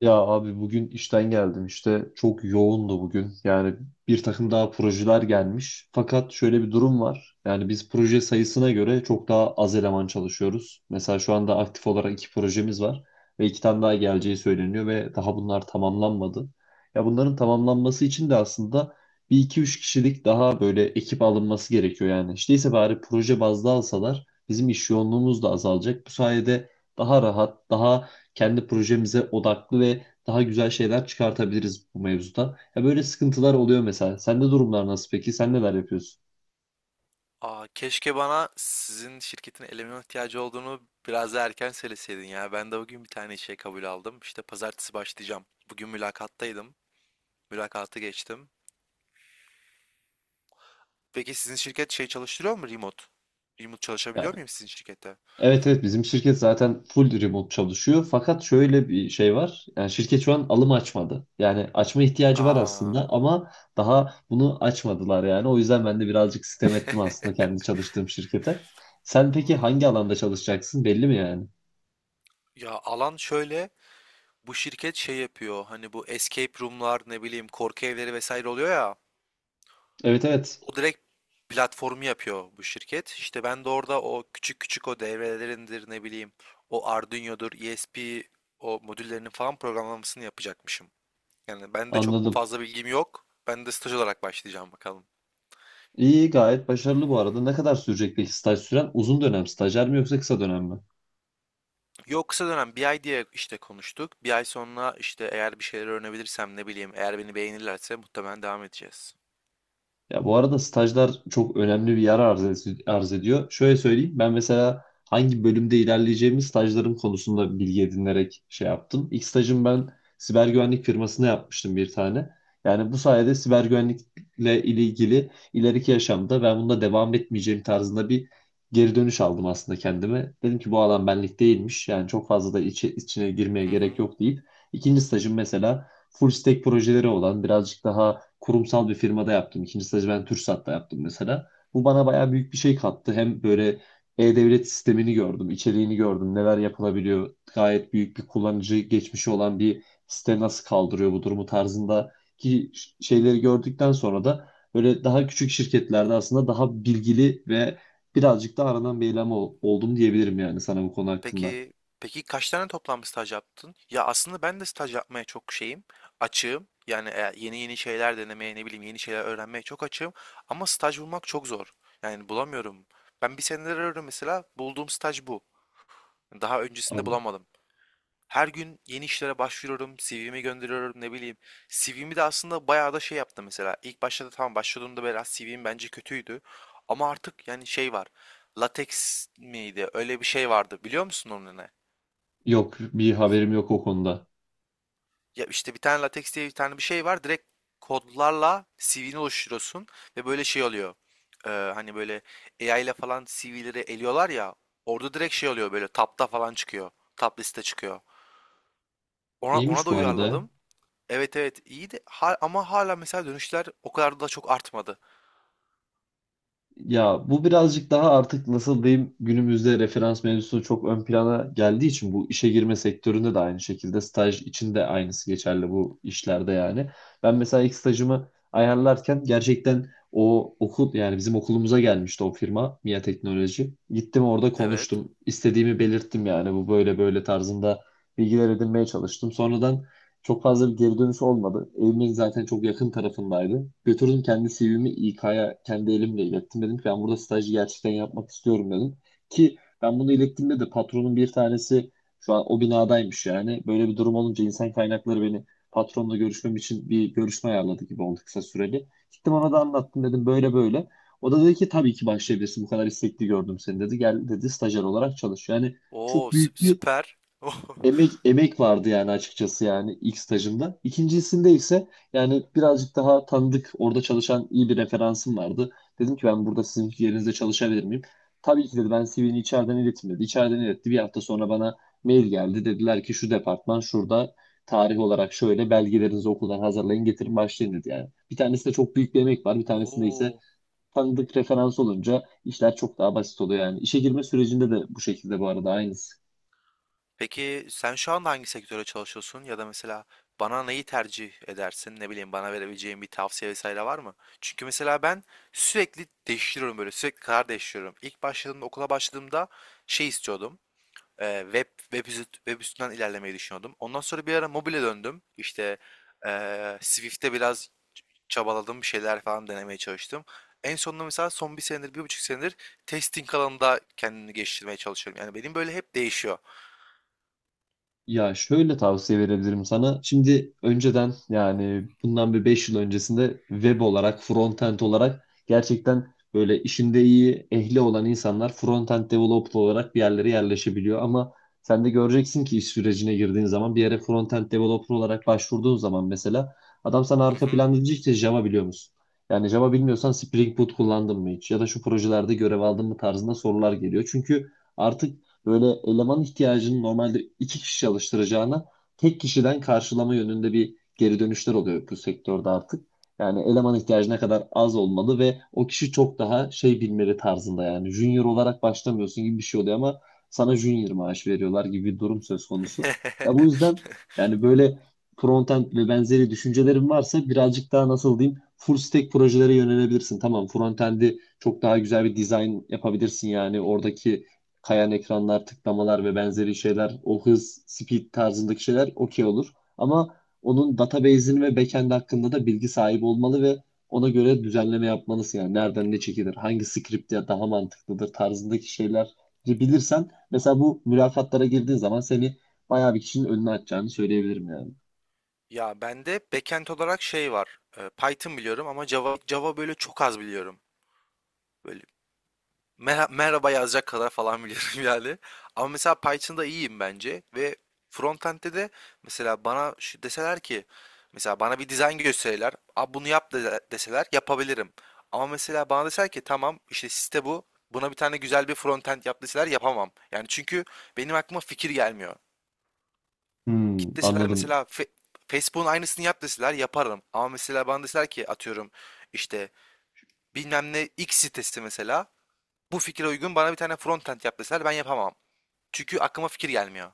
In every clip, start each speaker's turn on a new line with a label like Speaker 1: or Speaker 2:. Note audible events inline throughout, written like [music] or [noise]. Speaker 1: Ya abi, bugün işten geldim, işte çok yoğundu bugün yani. Bir takım daha projeler gelmiş, fakat şöyle bir durum var: yani biz proje sayısına göre çok daha az eleman çalışıyoruz. Mesela şu anda aktif olarak iki projemiz var ve iki tane daha geleceği söyleniyor, ve daha bunlar tamamlanmadı. Ya, bunların tamamlanması için de aslında bir iki üç kişilik daha böyle ekip alınması gerekiyor. Yani işte ise bari proje bazlı alsalar, bizim iş yoğunluğumuz da azalacak bu sayede, daha rahat, daha kendi projemize odaklı ve daha güzel şeyler çıkartabiliriz bu mevzuda. Ya, böyle sıkıntılar oluyor mesela. Sende durumlar nasıl peki? Sen neler yapıyorsun?
Speaker 2: Keşke bana sizin şirketin eleman ihtiyacı olduğunu biraz daha erken söyleseydin ya. Ben de bugün bir tane işe kabul aldım. İşte pazartesi başlayacağım. Bugün mülakattaydım. Mülakatı geçtim. Peki sizin şirket şey çalıştırıyor mu remote? Remote
Speaker 1: Ya,
Speaker 2: çalışabiliyor muyum sizin şirkette?
Speaker 1: evet, evet, bizim şirket zaten full remote çalışıyor. Fakat şöyle bir şey var. Yani şirket şu an alım açmadı. Yani açma ihtiyacı var
Speaker 2: Aa,
Speaker 1: aslında ama daha bunu açmadılar yani. O yüzden ben de birazcık sitem ettim aslında kendi çalıştığım şirkete. Sen peki
Speaker 2: anladım.
Speaker 1: hangi alanda çalışacaksın, belli mi yani?
Speaker 2: Ya alan şöyle. Bu şirket şey yapıyor. Hani bu escape room'lar ne bileyim korku evleri vesaire oluyor ya.
Speaker 1: Evet, evet,
Speaker 2: O direkt platformu yapıyor bu şirket. İşte ben de orada o küçük küçük devrelerindir ne bileyim o Arduino'dur, ESP o modüllerinin falan programlamasını yapacakmışım. Yani ben de çok
Speaker 1: anladım.
Speaker 2: fazla bilgim yok. Ben de staj olarak başlayacağım bakalım.
Speaker 1: İyi, gayet başarılı bu arada. Ne kadar sürecek peki staj süren? Uzun dönem stajyer mi yoksa kısa dönem mi?
Speaker 2: Yok, kısa dönem bir ay diye işte konuştuk. Bir ay sonra işte eğer bir şeyler öğrenebilirsem ne bileyim eğer beni beğenirlerse muhtemelen devam edeceğiz.
Speaker 1: Ya, bu arada stajlar çok önemli bir yer arz ediyor. Şöyle söyleyeyim, ben mesela hangi bölümde ilerleyeceğimi stajlarım konusunda bilgi edinerek şey yaptım. İlk stajım ben siber güvenlik firmasına yapmıştım, bir tane. Yani bu sayede siber güvenlikle ilgili ileriki yaşamda ben bunda devam etmeyeceğim tarzında bir geri dönüş aldım aslında kendime. Dedim ki bu alan benlik değilmiş. Yani çok fazla da içine girmeye
Speaker 2: Hı
Speaker 1: gerek
Speaker 2: hı.
Speaker 1: yok deyip. İkinci stajım mesela full stack projeleri olan birazcık daha kurumsal bir firmada yaptım. İkinci stajı ben TürkSat'ta yaptım mesela. Bu bana bayağı büyük bir şey kattı. Hem böyle e-devlet sistemini gördüm, içeriğini gördüm, neler yapılabiliyor. Gayet büyük bir kullanıcı geçmişi olan bir site nasıl kaldırıyor bu durumu tarzında ki şeyleri gördükten sonra da böyle daha küçük şirketlerde aslında daha bilgili ve birazcık da aranan bir eleman oldum diyebilirim yani sana bu konu hakkında.
Speaker 2: Peki peki kaç tane toplam staj yaptın? Ya aslında ben de staj yapmaya çok açığım. Yani yeni yeni şeyler denemeye, ne bileyim yeni şeyler öğrenmeye çok açığım. Ama staj bulmak çok zor. Yani bulamıyorum. Ben bir senedir arıyorum mesela. Bulduğum staj bu. Daha öncesinde
Speaker 1: An-
Speaker 2: bulamadım. Her gün yeni işlere başvuruyorum, CV'mi gönderiyorum, ne bileyim. CV'mi de aslında bayağı da şey yaptım mesela. İlk başta da tamam başladığımda biraz CV'm bence kötüydü. Ama artık yani şey var. Latex miydi? Öyle bir şey vardı. Biliyor musun onun ne?
Speaker 1: Yok, bir haberim yok o konuda.
Speaker 2: Ya işte bir tane LaTeX diye bir tane bir şey var. Direkt kodlarla CV'ni oluşturuyorsun ve böyle şey oluyor. Hani böyle AI ile falan CV'leri eliyorlar ya. Orada direkt şey oluyor, böyle tapta falan çıkıyor. Top liste çıkıyor. Ona
Speaker 1: İyiymiş
Speaker 2: da
Speaker 1: bu arada.
Speaker 2: uyarladım. Evet evet, iyiydi. Ama hala mesela dönüşler o kadar da çok artmadı.
Speaker 1: Ya, bu birazcık daha artık, nasıl diyeyim, günümüzde referans mevzusu çok ön plana geldiği için bu işe girme sektöründe de aynı şekilde, staj için de aynısı geçerli bu işlerde yani. Ben mesela ilk stajımı ayarlarken gerçekten o okul, yani bizim okulumuza gelmişti o firma MİA Teknoloji. Gittim, orada
Speaker 2: Evet.
Speaker 1: konuştum, istediğimi belirttim, yani bu böyle böyle tarzında bilgiler edinmeye çalıştım. Sonradan çok fazla bir geri dönüş olmadı. Evimin zaten çok yakın tarafındaydı. Götürdüm kendi CV'mi İK'ya, kendi elimle ilettim. Dedim ki ben burada stajı gerçekten yapmak istiyorum dedim. Ki ben bunu ilettiğimde de patronun bir tanesi şu an o binadaymış yani. Böyle bir durum olunca insan kaynakları beni patronla görüşmem için bir görüşme ayarladı gibi oldu, kısa süreli. Gittim, ona da anlattım, dedim böyle böyle. O da dedi ki tabii ki başlayabilirsin, bu kadar istekli gördüm seni dedi. Gel dedi, stajyer olarak çalış. Yani
Speaker 2: Oo,
Speaker 1: çok büyük bir
Speaker 2: süper. [laughs]
Speaker 1: emek vardı yani açıkçası, yani ilk stajımda. İkincisinde ise yani birazcık daha tanıdık, orada çalışan iyi bir referansım vardı. Dedim ki ben burada sizin yerinizde çalışabilir miyim? Tabii ki dedi, ben CV'ni içeriden ilettim dedi. İçeriden iletti. Bir hafta sonra bana mail geldi. Dediler ki şu departman şurada, tarih olarak şöyle, belgelerinizi okuldan hazırlayın, getirin, başlayın dedi yani. Bir tanesinde çok büyük bir emek var. Bir tanesinde ise
Speaker 2: Oo.
Speaker 1: tanıdık referans olunca işler çok daha basit oluyor yani. İşe girme sürecinde de bu şekilde bu arada, aynısı.
Speaker 2: Peki sen şu anda hangi sektöre çalışıyorsun, ya da mesela bana neyi tercih edersin? Ne bileyim bana verebileceğin bir tavsiye vesaire var mı? Çünkü mesela ben sürekli değiştiriyorum, böyle sürekli karar değiştiriyorum. İlk başladığımda, okula başladığımda şey istiyordum. Web web üstünden ilerlemeyi düşünüyordum. Ondan sonra bir ara mobile döndüm. İşte Swift'te biraz çabaladım, bir şeyler falan denemeye çalıştım. En sonunda mesela son bir senedir, bir buçuk senedir testing alanında kendimi geliştirmeye çalışıyorum. Yani benim böyle hep değişiyor.
Speaker 1: Ya, şöyle tavsiye verebilirim sana. Şimdi önceden, yani bundan bir 5 yıl öncesinde, web olarak, frontend olarak gerçekten böyle işinde iyi, ehli olan insanlar frontend developer olarak bir yerlere yerleşebiliyor. Ama sen de göreceksin ki iş sürecine girdiğin zaman, bir yere frontend developer olarak başvurduğun zaman mesela, adam sana
Speaker 2: Hı
Speaker 1: arka
Speaker 2: hı.
Speaker 1: planda diyecek ki Java biliyor musun? Yani Java bilmiyorsan Spring Boot kullandın mı hiç? Ya da şu projelerde görev aldın mı tarzında sorular geliyor. Çünkü artık böyle eleman ihtiyacını normalde iki kişi çalıştıracağına tek kişiden karşılama yönünde bir geri dönüşler oluyor bu sektörde artık. Yani eleman ihtiyacı ne kadar az olmalı ve o kişi çok daha şey bilmeli tarzında, yani junior olarak başlamıyorsun gibi bir şey oluyor ama sana junior maaş veriyorlar gibi bir durum söz konusu. Ya, bu
Speaker 2: [laughs]
Speaker 1: yüzden yani böyle frontend ve benzeri düşüncelerin varsa, birazcık daha, nasıl diyeyim, full stack projelere yönelebilirsin. Tamam, frontend'i çok daha güzel bir design yapabilirsin, yani oradaki kayan ekranlar, tıklamalar ve benzeri şeyler, o hız, speed tarzındaki şeyler okey olur. Ama onun database'ini ve backend hakkında da bilgi sahibi olmalı ve ona göre düzenleme yapmalısın. Yani nereden ne çekilir, hangi script ya daha mantıklıdır tarzındaki şeyler bilirsen mesela, bu mülakatlara girdiğin zaman seni bayağı bir kişinin önüne atacağını söyleyebilirim yani.
Speaker 2: Ya bende backend olarak şey var. E, Python biliyorum ama Java böyle çok az biliyorum. Böyle merhaba yazacak kadar falan [laughs] biliyorum yani. Ama mesela Python'da iyiyim bence ve frontend'de de mesela bana şu deseler ki, mesela bana bir dizayn gösterirler. Abi bunu yap deseler yapabilirim. Ama mesela bana deseler ki tamam işte site bu. Buna bir tane güzel bir frontend yap deseler yapamam. Yani çünkü benim aklıma fikir gelmiyor.
Speaker 1: Hmm,
Speaker 2: Git deseler
Speaker 1: anladım.
Speaker 2: mesela Facebook'un aynısını yap deseler yaparım. Ama mesela bana deseler ki atıyorum işte bilmem ne X sitesi mesela bu fikre uygun bana bir tane frontend yap deseler ben yapamam. Çünkü aklıma fikir gelmiyor.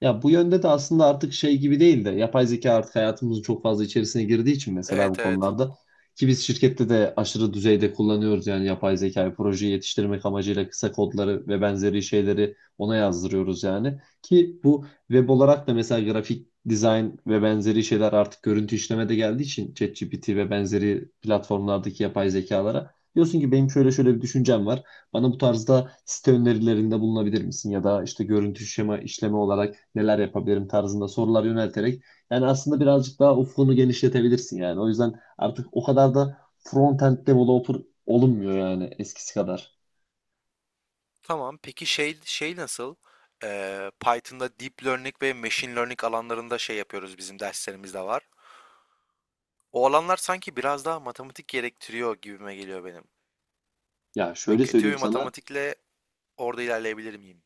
Speaker 1: Ya, bu yönde de aslında artık şey gibi değil de, yapay zeka artık hayatımızın çok fazla içerisine girdiği için mesela, bu
Speaker 2: Evet evet.
Speaker 1: konularda ki biz şirkette de aşırı düzeyde kullanıyoruz yani yapay zekayı, projeyi yetiştirmek amacıyla kısa kodları ve benzeri şeyleri ona yazdırıyoruz yani, ki bu web olarak da mesela grafik dizayn ve benzeri şeyler, artık görüntü işleme de geldiği için ChatGPT ve benzeri platformlardaki yapay zekalara diyorsun ki benim şöyle şöyle bir düşüncem var. Bana bu tarzda site önerilerinde bulunabilir misin, ya da işte görüntü şema işleme olarak neler yapabilirim tarzında sorular yönelterek yani, aslında birazcık daha ufkunu genişletebilirsin yani. O yüzden artık o kadar da front-end developer olunmuyor yani, eskisi kadar.
Speaker 2: Tamam, peki şey nasıl? Python'da deep learning ve machine learning alanlarında şey yapıyoruz, bizim derslerimizde var. O alanlar sanki biraz daha matematik gerektiriyor gibime geliyor benim.
Speaker 1: Ya,
Speaker 2: Ve
Speaker 1: şöyle
Speaker 2: kötü bir
Speaker 1: söyleyeyim sana.
Speaker 2: matematikle orada ilerleyebilir miyim?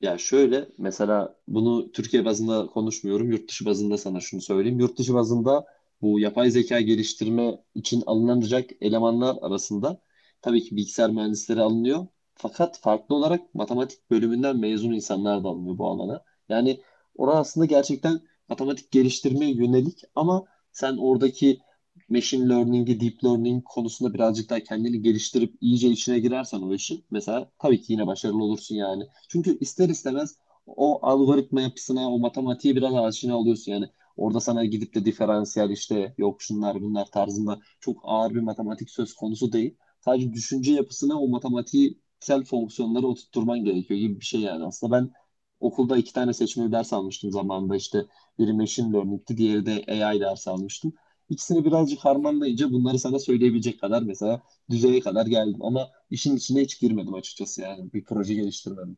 Speaker 1: Ya, şöyle mesela, bunu Türkiye bazında konuşmuyorum. Yurt dışı bazında sana şunu söyleyeyim. Yurt dışı bazında bu yapay zeka geliştirme için alınacak elemanlar arasında tabii ki bilgisayar mühendisleri alınıyor. Fakat farklı olarak matematik bölümünden mezun insanlar da alınıyor bu alana. Yani orası aslında gerçekten matematik geliştirmeye yönelik, ama sen oradaki machine learning'i, deep learning konusunda birazcık daha kendini geliştirip iyice içine girersen o işin, mesela tabii ki yine başarılı olursun yani. Çünkü ister istemez o algoritma yapısına, o matematiğe biraz aşina oluyorsun yani. Orada sana gidip de diferansiyel, işte yok şunlar bunlar tarzında çok ağır bir matematik söz konusu değil. Sadece düşünce yapısına o matematiksel fonksiyonları oturtturman gerekiyor gibi bir şey yani. Aslında ben okulda iki tane seçmeli ders almıştım zamanında, işte biri machine learning'ti, diğeri de AI ders almıştım. İkisini birazcık harmanlayınca bunları sana söyleyebilecek kadar, mesela düzeye kadar geldim, ama işin içine hiç girmedim açıkçası, yani bir proje geliştirmedim.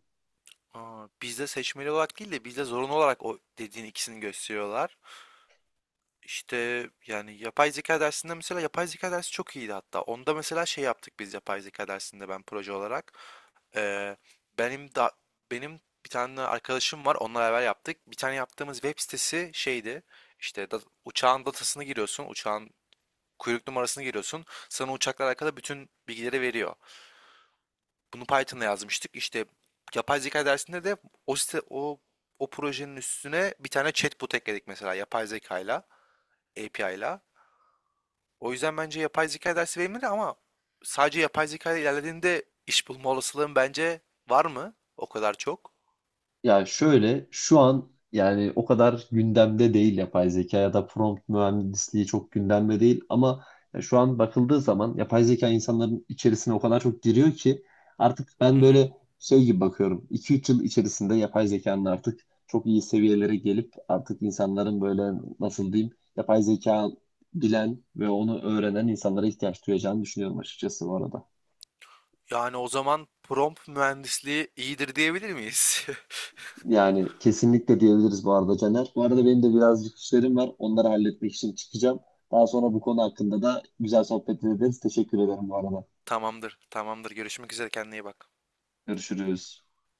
Speaker 2: Bizde seçmeli olarak değil de bizde zorunlu olarak o dediğin ikisini gösteriyorlar. İşte yani yapay zeka dersinde, mesela yapay zeka dersi çok iyiydi hatta. Onda mesela şey yaptık biz yapay zeka dersinde ben proje olarak. Ee, benim da benim bir tane arkadaşım var. Onunla beraber yaptık. Bir tane yaptığımız web sitesi şeydi. İşte uçağın datasını giriyorsun. Uçağın kuyruk numarasını giriyorsun. Sana uçakla alakalı bütün bilgileri veriyor. Bunu Python'la yazmıştık. İşte yapay zeka dersinde de o site, o projenin üstüne bir tane chatbot ekledik mesela yapay zekayla, API'la. O yüzden bence yapay zeka dersi verimli ama sadece yapay zeka ile ilerlediğinde iş bulma olasılığın bence var mı? O kadar çok.
Speaker 1: Ya, şöyle şu an yani o kadar gündemde değil yapay zeka ya da prompt mühendisliği çok gündemde değil, ama ya şu an bakıldığı zaman yapay zeka insanların içerisine o kadar çok giriyor ki artık ben
Speaker 2: Hı hı.
Speaker 1: böyle şey gibi bakıyorum. 2-3 yıl içerisinde yapay zekanın artık çok iyi seviyelere gelip artık insanların böyle, nasıl diyeyim, yapay zeka bilen ve onu öğrenen insanlara ihtiyaç duyacağını düşünüyorum açıkçası, bu arada.
Speaker 2: Yani o zaman prompt mühendisliği iyidir diyebilir miyiz? [laughs]
Speaker 1: Yani kesinlikle diyebiliriz bu arada Caner. Bu arada benim de birazcık işlerim var. Onları halletmek için çıkacağım. Daha sonra bu konu hakkında da güzel sohbet ederiz. Teşekkür ederim bu arada.
Speaker 2: Tamamdır, tamamdır. Görüşmek üzere. Kendine iyi bak.
Speaker 1: Görüşürüz.